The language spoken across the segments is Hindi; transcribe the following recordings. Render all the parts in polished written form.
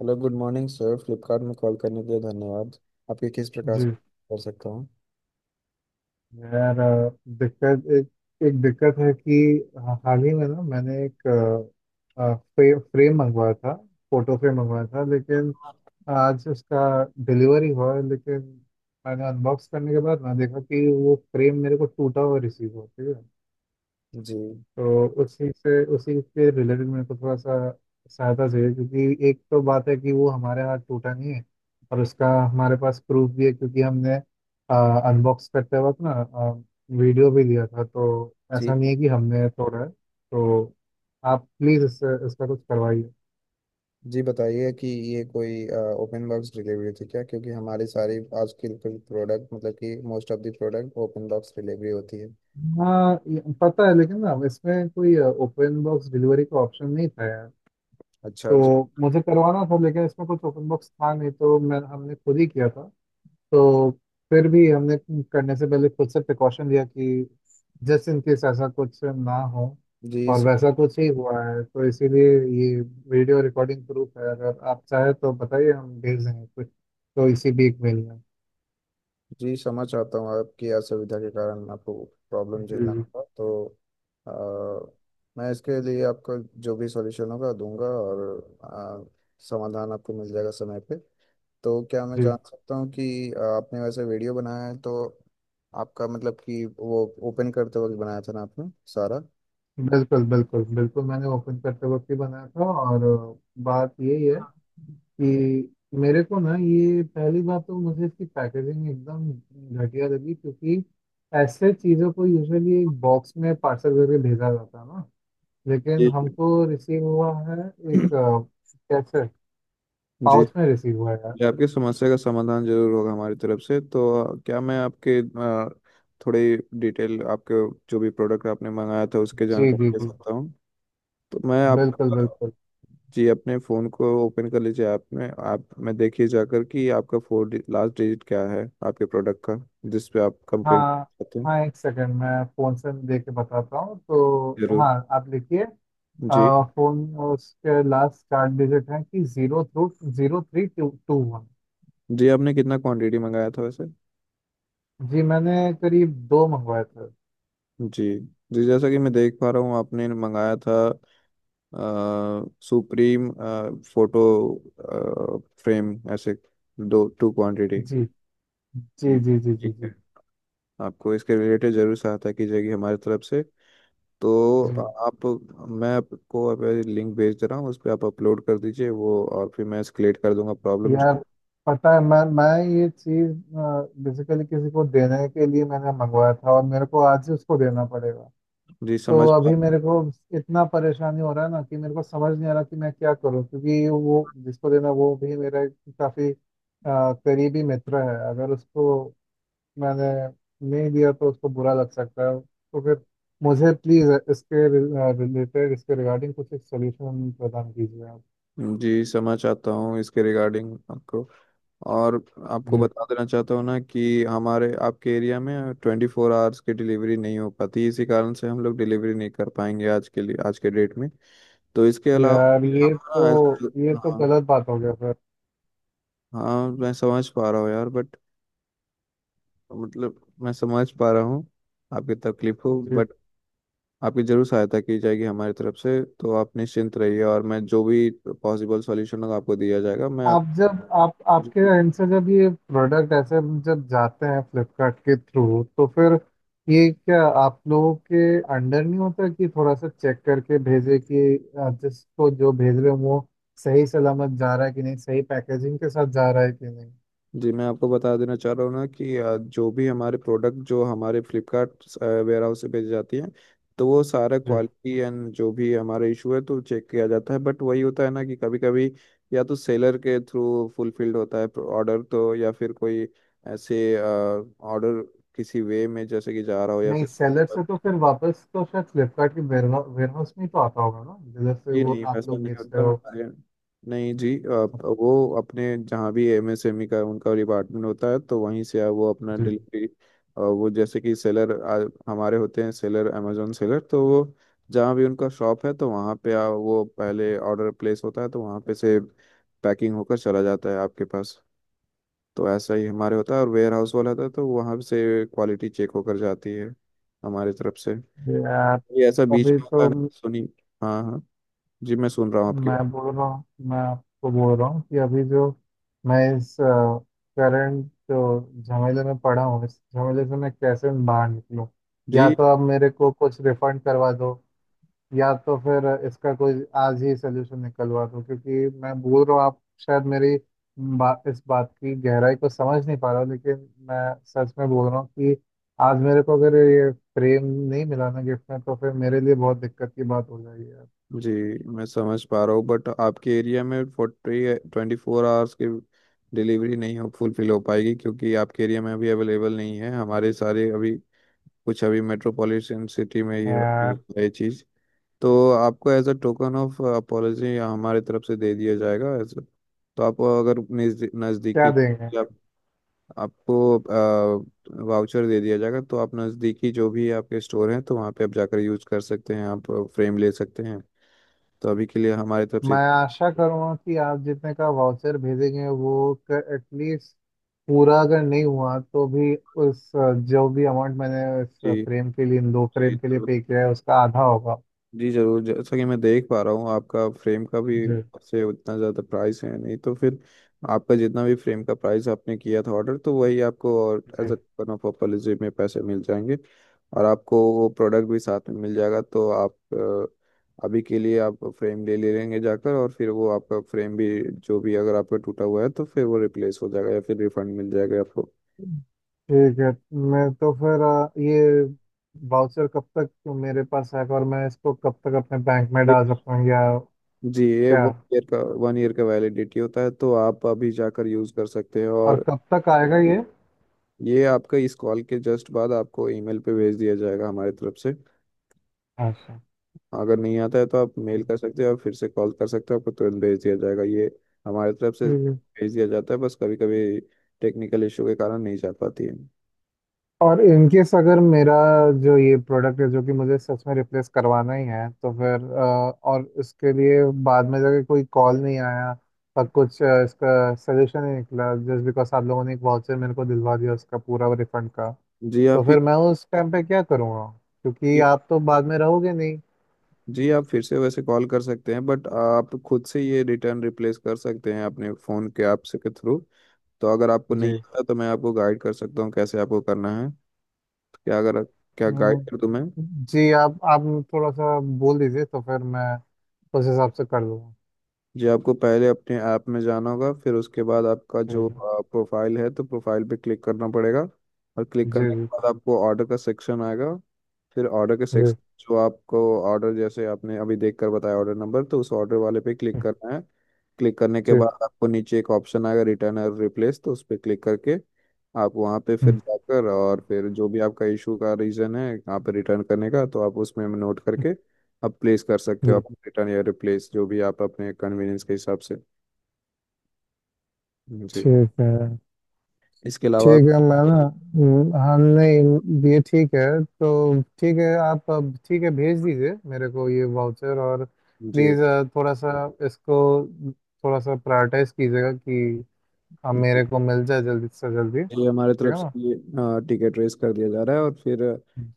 Hello good morning sir, Flipkart में कॉल करने के लिए धन्यवाद। आपके किस प्रकार से जी। कर सकता हूँ? यार, दिक्कत एक एक दिक्कत है कि हाल ही में ना मैंने एक फ्रेम मंगवाया था। फोटो फ्रेम मंगवाया था, लेकिन आज उसका डिलीवरी हुआ है, लेकिन मैंने अनबॉक्स करने के बाद ना देखा कि वो फ्रेम मेरे को टूटा हुआ रिसीव हुआ। ठीक है, जी। तो उसी के रिलेटेड मेरे को थोड़ा सा सहायता चाहिए, क्योंकि एक तो बात है कि वो हमारे हाथ टूटा नहीं है, और उसका हमारे पास प्रूफ भी है क्योंकि हमने अनबॉक्स करते वक्त ना वीडियो भी लिया था। तो जी। ऐसा नहीं है कि हमने तोड़ा है, तो आप प्लीज़ इससे इसका कुछ करवाइए। जी बताइए कि ये कोई ओपन बॉक्स डिलीवरी थी क्या? क्योंकि हमारी सारी आजकल के प्रोडक्ट मतलब कि most of the product open box delivery होती है। हाँ, ये पता है, लेकिन ना इसमें कोई ओपन बॉक्स डिलीवरी का ऑप्शन नहीं था, यार। अच्छा तो जी। मुझे करवाना था, लेकिन इसमें कुछ ओपन बॉक्स था नहीं, तो मैं हमने खुद ही किया था। तो फिर भी हमने करने से पहले खुद से प्रिकॉशन लिया कि जस्ट इन केस ऐसा कुछ ना हो, जी और स- वैसा कुछ ही हुआ है, तो इसीलिए ये वीडियो रिकॉर्डिंग प्रूफ है। अगर आप चाहे तो बताइए, हम भेज देंगे कुछ तो इसी भी एक मेल में। जी समझ चाहता हूँ, आपकी असुविधा के कारण आपको प्रॉब्लम झेलना जी। होगा। तो अ, मैं इसके लिए आपको जो भी सॉल्यूशन होगा दूंगा और अ, समाधान आपको मिल जाएगा समय पे। तो क्या मैं जी, जान सकता हूँ कि आपने वैसे वीडियो बनाया है तो आपका मतलब कि वो ओपन करते वक्त बनाया था ना आपने सारा? बिल्कुल बिल्कुल बिल्कुल, मैंने ओपन करते वक्त ही बनाया था। और बात यही है कि मेरे को ना, ये पहली बात, तो मुझे इसकी पैकेजिंग एकदम घटिया लगी, क्योंकि ऐसे चीज़ों को यूजुअली एक बॉक्स में पार्सल करके भेजा जाता है ना, लेकिन जी। हमको रिसीव हुआ है एक कैसे जी। पाउच में रिसीव हुआ है, यार। जी, आपकी समस्या का समाधान जरूर होगा हमारी तरफ से। तो क्या मैं आपके थोड़ी डिटेल, आपके जो भी प्रोडक्ट आपने मंगाया था उसके जी जी जानकारी दे जी, सकता हूँ? तो मैं आप बिल्कुल बिल्कुल। जी अपने फ़ोन को ओपन कर लीजिए, ऐप में आप में देखिए जाकर कि आपका 4 लास्ट डिजिट क्या है आपके प्रोडक्ट का, जिस पे आप कंप्लेन हाँ करते हैं। हाँ, एक सेकंड, मैं फ़ोन से दे के बताता हूँ तो। जरूर। हाँ, आप लिखिए। जी। फ़ोन उसके लास्ट चार डिजिट हैं कि zero three two two one. जी आपने कितना क्वांटिटी मंगाया था वैसे? जी, मैंने करीब दो मंगवाए थे। जी। जी जैसा कि मैं देख पा रहा हूँ, आपने मंगाया था सुप्रीम फोटो फ्रेम, ऐसे 2 क्वांटिटी। जी जी जी जी जी। ठीक है, जी। आपको इसके रिलेटेड जरूर सहायता की जाएगी हमारी तरफ से। तो जी, आप, मैं आपको अब लिंक भेज दे रहा हूँ, उस पर आप अपलोड कर दीजिए वो और फिर मैं एस्केलेट कर दूंगा प्रॉब्लम। यार, पता है, मैं ये चीज़ बेसिकली किसी को देने के लिए मैंने मंगवाया था, और मेरे को आज ही उसको देना पड़ेगा। जी तो समझ पा- अभी मेरे को इतना परेशानी हो रहा है ना कि मेरे को समझ नहीं आ रहा कि मैं क्या करूं, क्योंकि वो जिसको देना वो भी मेरा एक काफी करीबी मित्र है। अगर उसको मैंने नहीं दिया तो उसको बुरा लग सकता है, तो फिर मुझे प्लीज़ इसके रिगार्डिंग कुछ एक सोल्यूशन प्रदान कीजिए आप। जी समझ आता हूँ इसके रिगार्डिंग आपको। और आपको जी, बता देना चाहता हूँ ना कि हमारे आपके एरिया में 24 आवर्स की डिलीवरी नहीं हो पाती, इसी कारण से हम लोग डिलीवरी नहीं कर पाएंगे आज के लिए, आज के डेट में। तो इसके अलावा आप यार, ये ना तो ऐसे- ये तो हाँ। गलत बात हो गया, सर। हाँ मैं समझ पा रहा हूँ यार, बट मतलब मैं समझ पा रहा हूँ आपकी तकलीफ हो, जी, बट आपकी जरूर सहायता की जाएगी हमारी तरफ से। तो आप निश्चिंत रहिए और मैं जो भी पॉसिबल सॉल्यूशन होगा आपको दिया जाएगा। मैं आप आप, जब आप आपके एंड से जब ये प्रोडक्ट ऐसे जब जाते हैं फ्लिपकार्ट के थ्रू, तो फिर ये क्या आप लोगों के अंडर नहीं होता कि थोड़ा सा चेक करके भेजे कि जिसको जो भेज रहे हो वो सही सलामत जा रहा है कि नहीं, सही पैकेजिंग के साथ जा रहा है कि नहीं। जी मैं आपको बता देना चाह रहा हूँ ना कि जो भी हमारे प्रोडक्ट जो हमारे फ्लिपकार्ट वेयर हाउस से भेजी जाती हैं तो वो सारा जी क्वालिटी एंड जो भी हमारा इशू है तो चेक किया जाता है। बट वही होता है ना कि कभी कभी या तो सेलर के थ्रू फुलफिल्ड होता है ऑर्डर, तो या फिर कोई ऐसे ऑर्डर किसी वे में जैसे कि जा रहा हो या नहीं, फिर सेलर से तो फिर वापस तो शायद फ्लिपकार्ट के वेयर हाउस में ही तो आता होगा ना, जिधर से जी वो नहीं, आप ऐसा लोग नहीं बेचते होता हो। हमारे यहाँ। नहीं जी, आप वो अपने जहाँ भी एमएसएमई का उनका डिपार्टमेंट होता है तो वहीं से आप वो अपना जी। डिलीवरी, वो जैसे कि सेलर हमारे होते हैं, सेलर अमेजोन सेलर, तो वो जहाँ भी उनका शॉप है तो वहाँ पे वो पहले ऑर्डर प्लेस होता है तो वहाँ पे से पैकिंग होकर चला जाता है आपके पास। तो ऐसा ही हमारे होता है, और वेयर हाउस वाला था तो वहाँ से क्वालिटी चेक होकर जाती है हमारे तरफ से। जी, यार, ये ऐसा बीच अभी में होता है तो ना, सुनी। हाँ हाँ, जी मैं सुन रहा हूँ आपकी मैं बात। बोल रहा हूँ मैं आपको बोल रहा हूँ कि अभी जो मैं इस करंट जो झमेले में पड़ा हूँ, इस झमेले से मैं कैसे बाहर निकलूँ। जी। या तो आप मेरे को कुछ रिफंड करवा दो, या तो फिर इसका कोई आज ही सोल्यूशन निकलवा दो, क्योंकि मैं बोल रहा हूँ आप शायद मेरी इस बात की गहराई को समझ नहीं पा रहा हो, लेकिन मैं सच में बोल रहा हूँ कि आज मेरे को अगर ये फ्रेम नहीं मिला ना गिफ्ट में, तो फिर मेरे लिए बहुत दिक्कत की बात हो जाएगी, यार। जी मैं समझ पा रहा हूँ बट आपके एरिया में फोर्टी ट्वेंटी फोर आवर्स की डिलीवरी नहीं हो, फुलफिल हो पाएगी, क्योंकि आपके एरिया में अभी अवेलेबल नहीं है हमारे सारे अभी कुछ, अभी मेट्रोपॉलिटन सिटी में ये यार, है ये चीज़। तो आपको as a token of apology हमारे तरफ से दे दिया जाएगा एज। तो आप अगर क्या नज़दीकी, देंगे? आपको वाउचर दे दिया जाएगा तो आप नज़दीकी जो भी आपके स्टोर हैं तो वहाँ पे आप जाकर यूज़ कर सकते हैं, आप फ्रेम ले सकते हैं। तो अभी के लिए हमारी तरफ से मैं आशा करूँगा कि आप जितने का वाउचर भेजेंगे, वो एटलीस्ट, पूरा अगर नहीं हुआ तो भी, उस जो भी अमाउंट मैंने इस जी। फ्रेम के लिए, इन दो जी। फ्रेम के लिए पे किया है, उसका आधा होगा। जी जरूर, जैसा कि मैं देख पा रहा हूँ आपका फ्रेम का भी जी। से उतना ज़्यादा प्राइस है नहीं, तो फिर आपका जितना भी फ्रेम का प्राइस आपने किया था ऑर्डर तो वही आपको और एज जी, अ कूपन ऑफ पॉपुलरिज्म में पैसे मिल जाएंगे और आपको वो प्रोडक्ट भी साथ में मिल जाएगा। तो आप अभी के लिए आप फ्रेम ले ले लेंगे जाकर और फिर वो आपका फ्रेम भी जो भी अगर आपका टूटा हुआ है तो फिर वो रिप्लेस हो जाएगा या फिर रिफंड मिल जाएगा आपको। ठीक है। मैं तो फिर ये वाउचर कब तक मेरे पास है, और मैं इसको कब तक अपने बैंक में ये- डाल सकता हूँ, या जी ये क्या? वन ईयर का वैलिडिटी होता है तो आप अभी जाकर यूज़ कर सकते हैं। और और कब तक आएगा ये? ये आपका इस कॉल के जस्ट बाद आपको ईमेल पे भेज दिया जाएगा हमारी तरफ से। अच्छा, अगर नहीं आता है तो आप मेल कर सकते हो और फिर से कॉल कर सकते हो, आपको तुरंत भेज दिया जाएगा ये, हमारी तरफ से ठीक है। भेज दिया जाता है, बस कभी कभी टेक्निकल इशू के कारण नहीं जा पाती है। और इन केस अगर मेरा जो ये प्रोडक्ट है जो कि मुझे सच में रिप्लेस करवाना ही है, तो फिर और इसके लिए बाद में जाके कोई कॉल नहीं आया और कुछ इसका सजेशन नहीं निकला, जस्ट बिकॉज आप लोगों ने एक वाउचर मेरे को दिलवा दिया उसका पूरा रिफंड का, जी तो आप ये फिर मैं उस टाइम पे क्या करूँगा, क्योंकि जी, आप तो बाद में रहोगे नहीं। जी आप फिर से वैसे कॉल कर सकते हैं बट आप खुद से ये रिटर्न रिप्लेस कर सकते हैं अपने फ़ोन के ऐप से के थ्रू। तो अगर आपको नहीं जी। आता तो मैं आपको गाइड कर सकता हूँ कैसे आपको करना है। क्या अगर, क्या गाइड हम्म। कर दूँ मैं? जी, आप थोड़ा सा बोल दीजिए तो फिर मैं उस हिसाब से कर लूँगा। जी, आपको पहले अपने ऐप में जाना होगा, फिर उसके बाद आपका ठीक जो है। प्रोफाइल है तो प्रोफाइल पे क्लिक करना पड़ेगा। और क्लिक जी करने के जी बाद आपको ऑर्डर का सेक्शन आएगा, फिर ऑर्डर के जी। सेक्शन जो आपको ऑर्डर जैसे आपने अभी देख कर बताया ऑर्डर नंबर, तो उस ऑर्डर वाले पे क्लिक करना है। क्लिक करने के ठीक। बाद आपको नीचे एक ऑप्शन आएगा रिटर्न और रिप्लेस, तो उस पर क्लिक करके आप वहाँ पे फिर हम्म। जाकर और फिर जो भी आपका इशू का रीज़न है यहाँ पे रिटर्न करने का तो आप उसमें नोट करके आप प्लेस कर सकते हो, आप जी, रिटर्न या रिप्लेस जो भी आप अपने कन्वीनियंस के हिसाब से। जी। ठीक है। इसके अलावा ठीक है, मैं ना, हाँ, नहीं, ये ठीक है, तो ठीक है, आप अब, ठीक है, भेज दीजिए मेरे को ये वाउचर। और जी। प्लीज़ थोड़ा सा इसको थोड़ा सा प्रायोरिटाइज कीजिएगा कि अब मेरे जी को मिल जाए जल्दी से जल्दी। ये हमारे ठीक तरफ है से ना? ये टिकट रेस कर दिया जा रहा है और फिर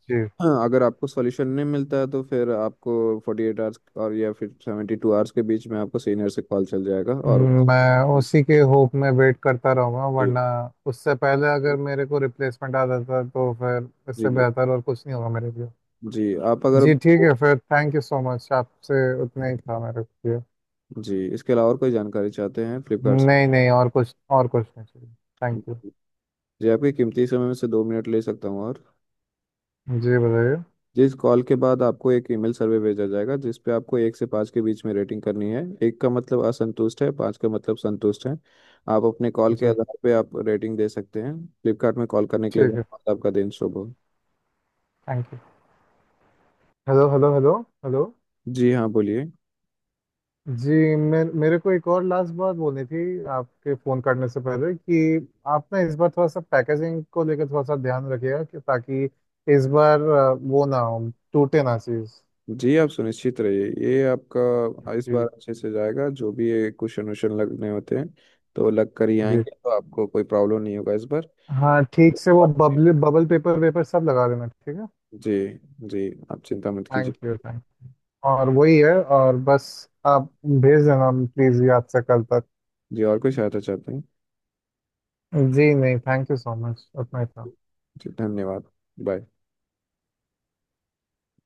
जी। अगर आपको सॉल्यूशन नहीं मिलता है तो फिर आपको 48 आवर्स और या फिर 72 आवर्स के बीच में आपको सीनियर से कॉल चल जाएगा। और मैं जी। उसी के होप में वेट करता रहूँगा, वरना उससे पहले अगर मेरे को रिप्लेसमेंट आ जाता तो फिर जी इससे जी। बेहतर और कुछ नहीं होगा मेरे लिए। जी, आप अगर जी, ठीक है, फिर थैंक यू सो मच, आपसे उतना ही था मेरे लिए। जी, इसके अलावा और कोई जानकारी चाहते हैं फ्लिपकार्ट नहीं नहीं, और कुछ नहीं चाहिए। से? Thank you. जी आपके कीमती समय में से 2 मिनट ले सकता हूँ? और जी, बताइए। जिस कॉल के बाद आपको एक ईमेल सर्वे भेजा जाएगा जिस पे आपको 1 से 5 के बीच में रेटिंग करनी है। एक का मतलब असंतुष्ट है, पाँच का मतलब संतुष्ट है। आप अपने कॉल के जी, आधार पे आप रेटिंग दे सकते हैं। फ्लिपकार्ट में कॉल करने के लिए ठीक है। धन्यवाद, आपका दिन शुभ हो। Thank you. Hello hello hello. Hello. जी हाँ बोलिए। जी, मैं, मेरे को एक और लास्ट बात बोलनी थी आपके फ़ोन करने से पहले, कि आप ना इस बार थोड़ा सा पैकेजिंग को लेकर थोड़ा सा ध्यान रखिएगा, कि ताकि इस बार वो ना हो, टूटे ना चीज़। जी आप सुनिश्चित रहिए, ये आपका इस जी। बार अच्छे से जाएगा, जो भी ये क्वेश्चन वोशन लगने होते हैं तो लग कर ही जी, आएंगे, तो आपको कोई प्रॉब्लम नहीं होगा इस बार। हाँ, ठीक से वो बबल बबल पेपर वेपर सब लगा देना, ठीक है। जी। जी आप चिंता मत थैंक कीजिए। यू। थैंक और वही है, और बस, आप भेज देना प्लीज़ याद से कल तक। जी और कोई सहायता चाहते हैं? जी नहीं, थैंक यू सो मच, उतना ही था। जी धन्यवाद। बाय।